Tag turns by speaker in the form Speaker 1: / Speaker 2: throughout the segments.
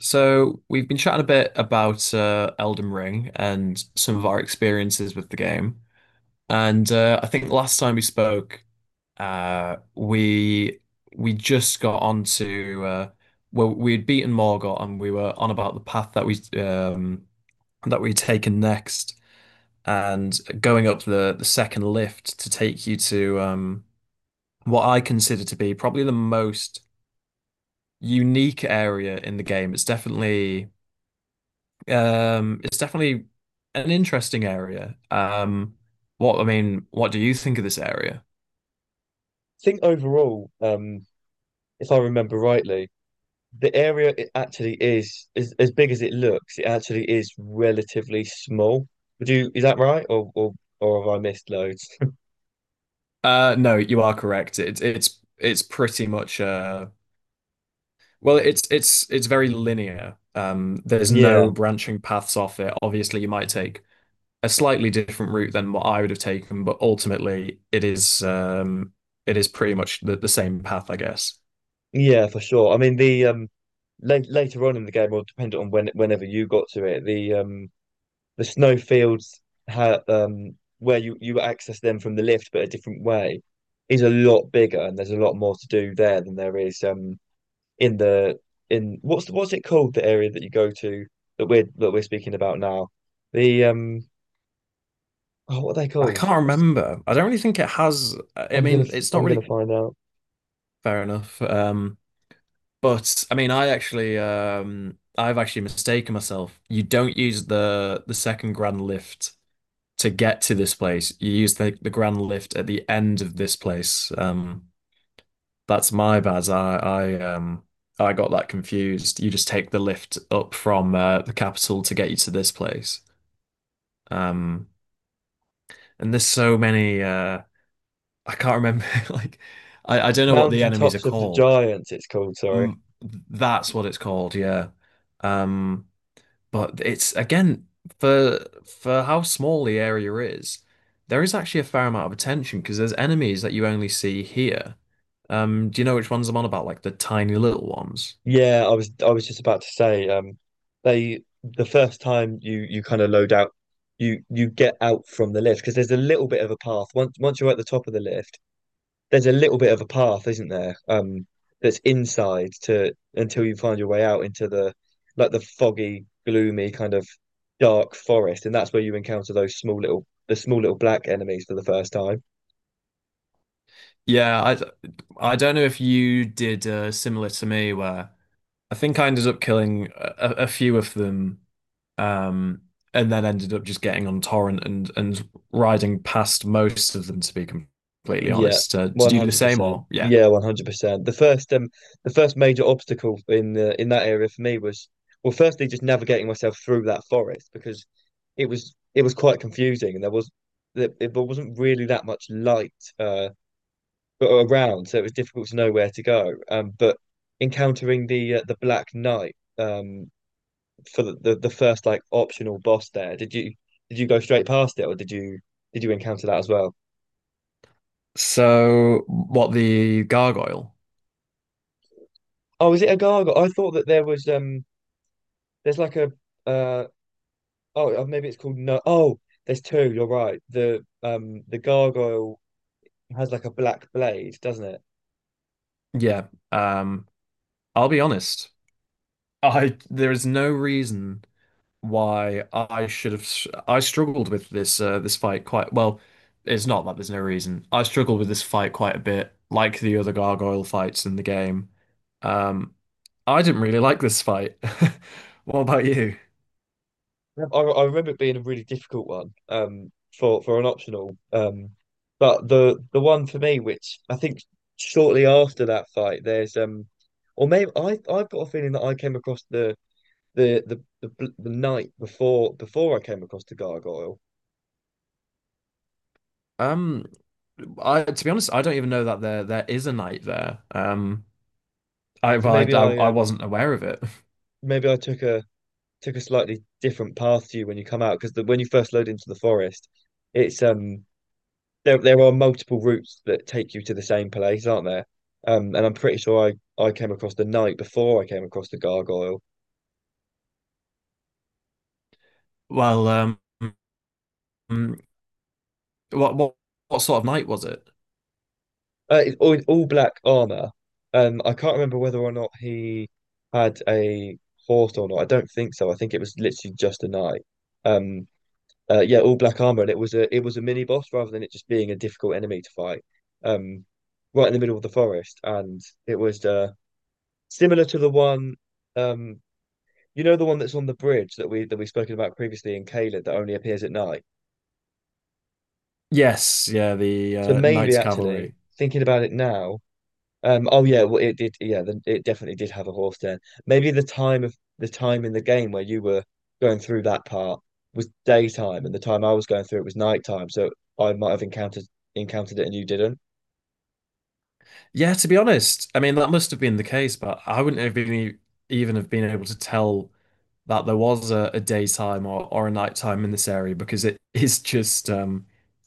Speaker 1: So we've been chatting a bit about Elden Ring and some of our experiences with the game, and I think last time we spoke, uh, we we just got onto we had beaten Morgott and we were on about the path that we'd taken next, and going up the second lift to take you to what I consider to be probably the most unique area in the game. It's definitely an interesting area. What do you think of this area?
Speaker 2: Think overall, if I remember rightly, the area it actually is as big as it looks, it actually is relatively small. Is that right? Or have I missed loads?
Speaker 1: No, you are correct. It's pretty much well, it's very linear. There's
Speaker 2: Yeah,
Speaker 1: no branching paths off it. Obviously, you might take a slightly different route than what I would have taken, but ultimately, it is pretty much the same path, I guess.
Speaker 2: yeah, for sure. I mean the la later on in the game, or depending on whenever you got to it, the snow fields ha where you access them from the lift but a different way is a lot bigger and there's a lot more to do there than there is in the in what's it called, the area that you go to that we're speaking about now? The um Oh, what are they
Speaker 1: I
Speaker 2: called?
Speaker 1: can't remember. I don't really think it has. I
Speaker 2: I'm gonna
Speaker 1: mean, it's not
Speaker 2: I'm
Speaker 1: really
Speaker 2: gonna find out.
Speaker 1: fair enough. But I mean, I've actually mistaken myself. You don't use the second grand lift to get to this place. You use the grand lift at the end of this place. That's my bad. I got that confused. You just take the lift up from the capital to get you to this place. Um, and there's so many. I can't remember. I don't know what the
Speaker 2: Mountain
Speaker 1: enemies are
Speaker 2: Tops of the
Speaker 1: called.
Speaker 2: Giants, it's called, sorry.
Speaker 1: Mm, that's what it's called. Yeah. Um. But it's again for for how small the area is, there is actually a fair amount of attention because there's enemies that you only see here. Do you know which ones I'm on about? Like the tiny little ones.
Speaker 2: Yeah, I was just about to say, the first time you kind of load out, you get out from the lift because there's a little bit of a path. Once you're at the top of the lift, there's a little bit of a path, isn't there? That's inside to until you find your way out into the like the foggy, gloomy kind of dark forest, and that's where you encounter those small little the small little black enemies for the first time.
Speaker 1: Yeah, I I don't know if you did similar to me where I think I ended up killing a few of them, um, and then ended up just getting on torrent and riding past most of them. To be completely
Speaker 2: Yeah,
Speaker 1: honest, did
Speaker 2: one
Speaker 1: you do the
Speaker 2: hundred
Speaker 1: same
Speaker 2: percent.
Speaker 1: or yeah?
Speaker 2: Yeah, 100%. The first major obstacle in the in that area for me was, well, firstly just navigating myself through that forest because it was quite confusing, and there wasn't really that much light, uh but around, so it was difficult to know where to go. But encountering the Black Knight, for the first like optional boss there, did you, did you go straight past it, or did you, did you encounter that as well?
Speaker 1: So what the gargoyle?
Speaker 2: Oh, is it a gargoyle? I thought that there was there's like a uh oh maybe it's called, no, oh, there's two. You're right. The gargoyle has like a black blade, doesn't it?
Speaker 1: Yeah, um, I'll be honest. I there is no reason why I should have I struggled with this this fight quite well. It's not that there's no reason. I struggled with this fight quite a bit, like the other gargoyle fights in the game. Um, I didn't really like this fight. What about you?
Speaker 2: Yeah. I remember it being a really difficult one, for an optional, but the one for me, which I think shortly after that fight, there's or maybe I've got a feeling that I came across the night before, before I came across the gargoyle,
Speaker 1: Um, I to be honest, I don't even know that there is a knight there. I
Speaker 2: so
Speaker 1: well, I wasn't aware of it.
Speaker 2: maybe I took a slightly different path to you when you come out, because the when you first load into the forest, it's there are multiple routes that take you to the same place, aren't there? And I'm pretty sure I came across the knight before I came across the gargoyle.
Speaker 1: Well, um, mm, what what what sort of knight was it?
Speaker 2: It's all black armor. I can't remember whether or not he had a horse or not. I don't think so. I think it was literally just a knight. Um, yeah, all black armor, and it was a mini boss rather than it just being a difficult enemy to fight. Um, right in the middle of the forest, and it was similar to the one um you know, the one that's on the bridge that we that we've spoken about previously in Caled that only appears at night.
Speaker 1: Yes, yeah, the
Speaker 2: So maybe,
Speaker 1: Knights
Speaker 2: actually,
Speaker 1: Cavalry.
Speaker 2: thinking about it now, oh yeah, well it did, yeah, then it definitely did have a horse den. Maybe the time in the game where you were going through that part was daytime, and the time I was going through it was nighttime. So I might have encountered it and you didn't.
Speaker 1: Yeah, to be honest, I mean that must have been the case, but I wouldn't have been even have been able to tell that there was a daytime or a nighttime in this area because it is just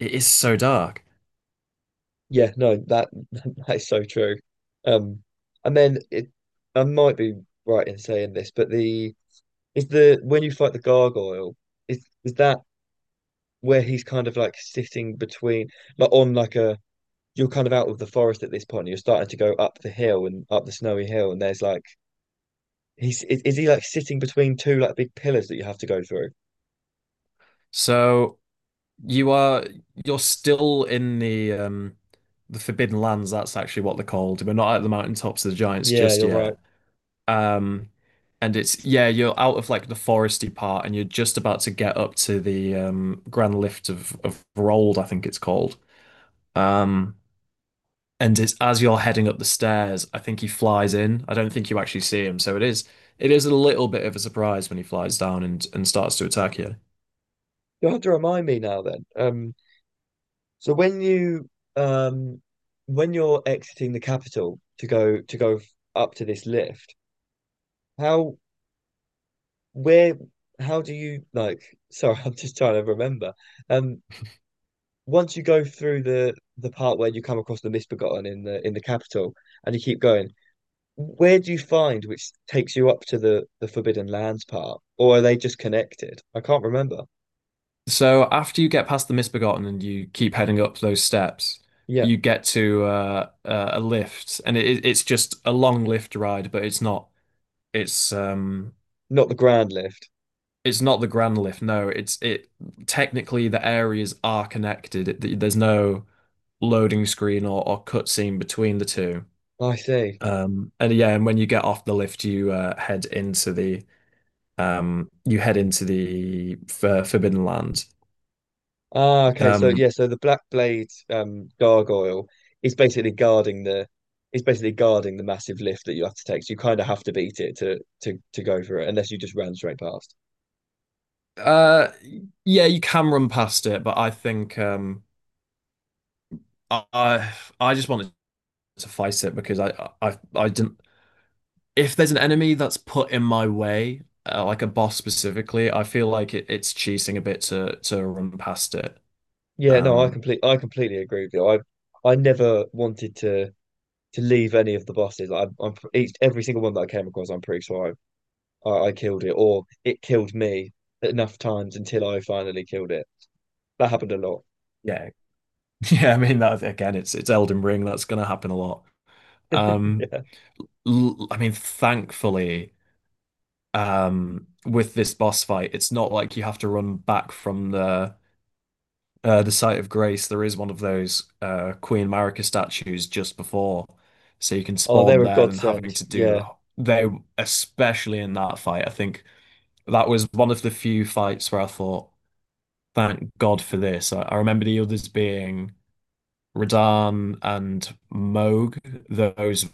Speaker 1: it is so dark.
Speaker 2: Yeah, no, that, that is so true. Um, and then it, I might be right in saying this, but the is the when you fight the gargoyle, is that where he's kind of like sitting between, like on like a, you're kind of out of the forest at this point. And you're starting to go up the hill and up the snowy hill, and there's like he's is he like sitting between two like big pillars that you have to go through?
Speaker 1: So you are you're still in the the Forbidden Lands, that's actually what they're called. We're not at the mountaintops of the giants
Speaker 2: Yeah,
Speaker 1: just
Speaker 2: you're right.
Speaker 1: yet. Um and it's yeah, you're out of like the foresty part and you're just about to get up to the Grand Lift of Rold, I think it's called. Um, and it's as you're heading up the stairs, I think he flies in. I don't think you actually see him, so it is a little bit of a surprise when he flies down and starts to attack you.
Speaker 2: You'll have to remind me now then. So when you um when you're exiting the capital to go up to this lift, how where how do you like? Sorry, I'm just trying to remember. Um, once you go through the part where you come across the misbegotten in the capital and you keep going, where do you find, which takes you up to the Forbidden Lands part, or are they just connected? I can't remember.
Speaker 1: So after you get past the Misbegotten and you keep heading up those steps,
Speaker 2: Yeah,
Speaker 1: you get to a lift, and it's just a long lift ride, but it's um
Speaker 2: not the Grand Lift.
Speaker 1: it's not the grand lift. No, it's it technically the areas are connected. There's no loading screen or cutscene between the two.
Speaker 2: I see.
Speaker 1: And yeah, and when you get off the lift, you head into the you head into the Forbidden Land.
Speaker 2: Ah, okay. So
Speaker 1: Um,
Speaker 2: yeah, so the Black Blade gargoyle is basically guarding the is basically guarding the massive lift that you have to take. So you kind of have to beat it to go for it, unless you just ran straight past.
Speaker 1: uh, yeah, you can run past it, but I think I just wanted to fight it because I didn't. If there's an enemy that's put in my way, like a boss specifically, I feel like it's cheating a bit to run past it.
Speaker 2: Yeah, no,
Speaker 1: Um,
Speaker 2: I completely agree with you. I never wanted to leave any of the bosses. Like, I'm each, every single one that I came across, I'm pretty sure I killed it or it killed me enough times until I finally killed it. That happened a lot.
Speaker 1: yeah, yeah. I mean that again. It's Elden Ring. That's gonna happen a lot. Um,
Speaker 2: Yeah.
Speaker 1: I mean, thankfully, with this boss fight, it's not like you have to run back from the site of grace. There is one of those Queen Marika statues just before, so you can
Speaker 2: Oh,
Speaker 1: spawn
Speaker 2: they're a
Speaker 1: there than
Speaker 2: godsend.
Speaker 1: having to do
Speaker 2: Yeah.
Speaker 1: the they especially in that fight. I think that was one of the few fights where I thought, thank God for this. I remember the others being Radahn and Moog. Those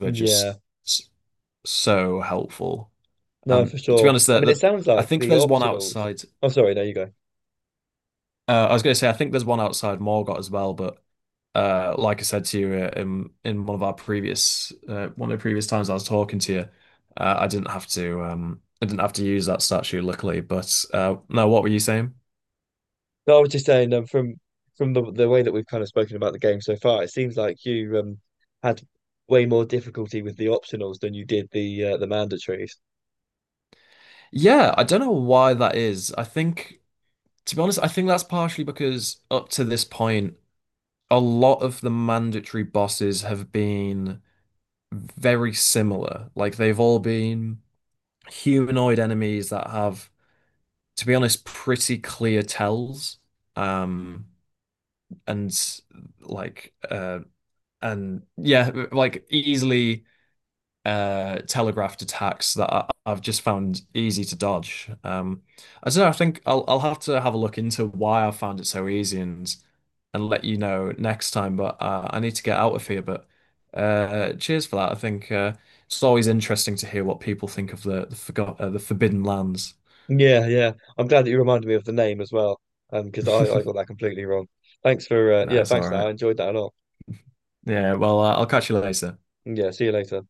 Speaker 1: were just
Speaker 2: Yeah.
Speaker 1: s- so helpful.
Speaker 2: No, for
Speaker 1: To be
Speaker 2: sure.
Speaker 1: honest,
Speaker 2: I
Speaker 1: the,
Speaker 2: mean, it
Speaker 1: the
Speaker 2: sounds
Speaker 1: I
Speaker 2: like
Speaker 1: think
Speaker 2: the
Speaker 1: there's one
Speaker 2: optionals.
Speaker 1: outside.
Speaker 2: Oh, sorry. No, you go.
Speaker 1: I was going to say I think there's one outside Morgott as well, but like I said to you in one of our previous one of the previous times I was talking to you, I didn't have to I didn't have to use that statue luckily. But no, what were you saying?
Speaker 2: No, I was just saying, from the way that we've kind of spoken about the game so far, it seems like you had way more difficulty with the optionals than you did the mandatories.
Speaker 1: Yeah, I don't know why that is. I think, to be honest, I think that's partially because up to this point, a lot of the mandatory bosses have been very similar. Like they've all been humanoid enemies that have, to be honest, pretty clear tells. Um, and like uh and yeah, like easily telegraphed attacks that I've just found easy to dodge. I don't know, I think I'll have to have a look into why I found it so easy and let you know next time, but I need to get out of here, but cheers for that. I think It's always interesting to hear what people think of the Forbidden Lands.
Speaker 2: Yeah, yeah. I'm glad that you reminded me of the name as well, because I got that completely wrong. Thanks for yeah,
Speaker 1: That's
Speaker 2: thanks
Speaker 1: all
Speaker 2: for that.
Speaker 1: right.
Speaker 2: I enjoyed that a lot.
Speaker 1: Yeah, well, I'll catch you later.
Speaker 2: Yeah, see you later.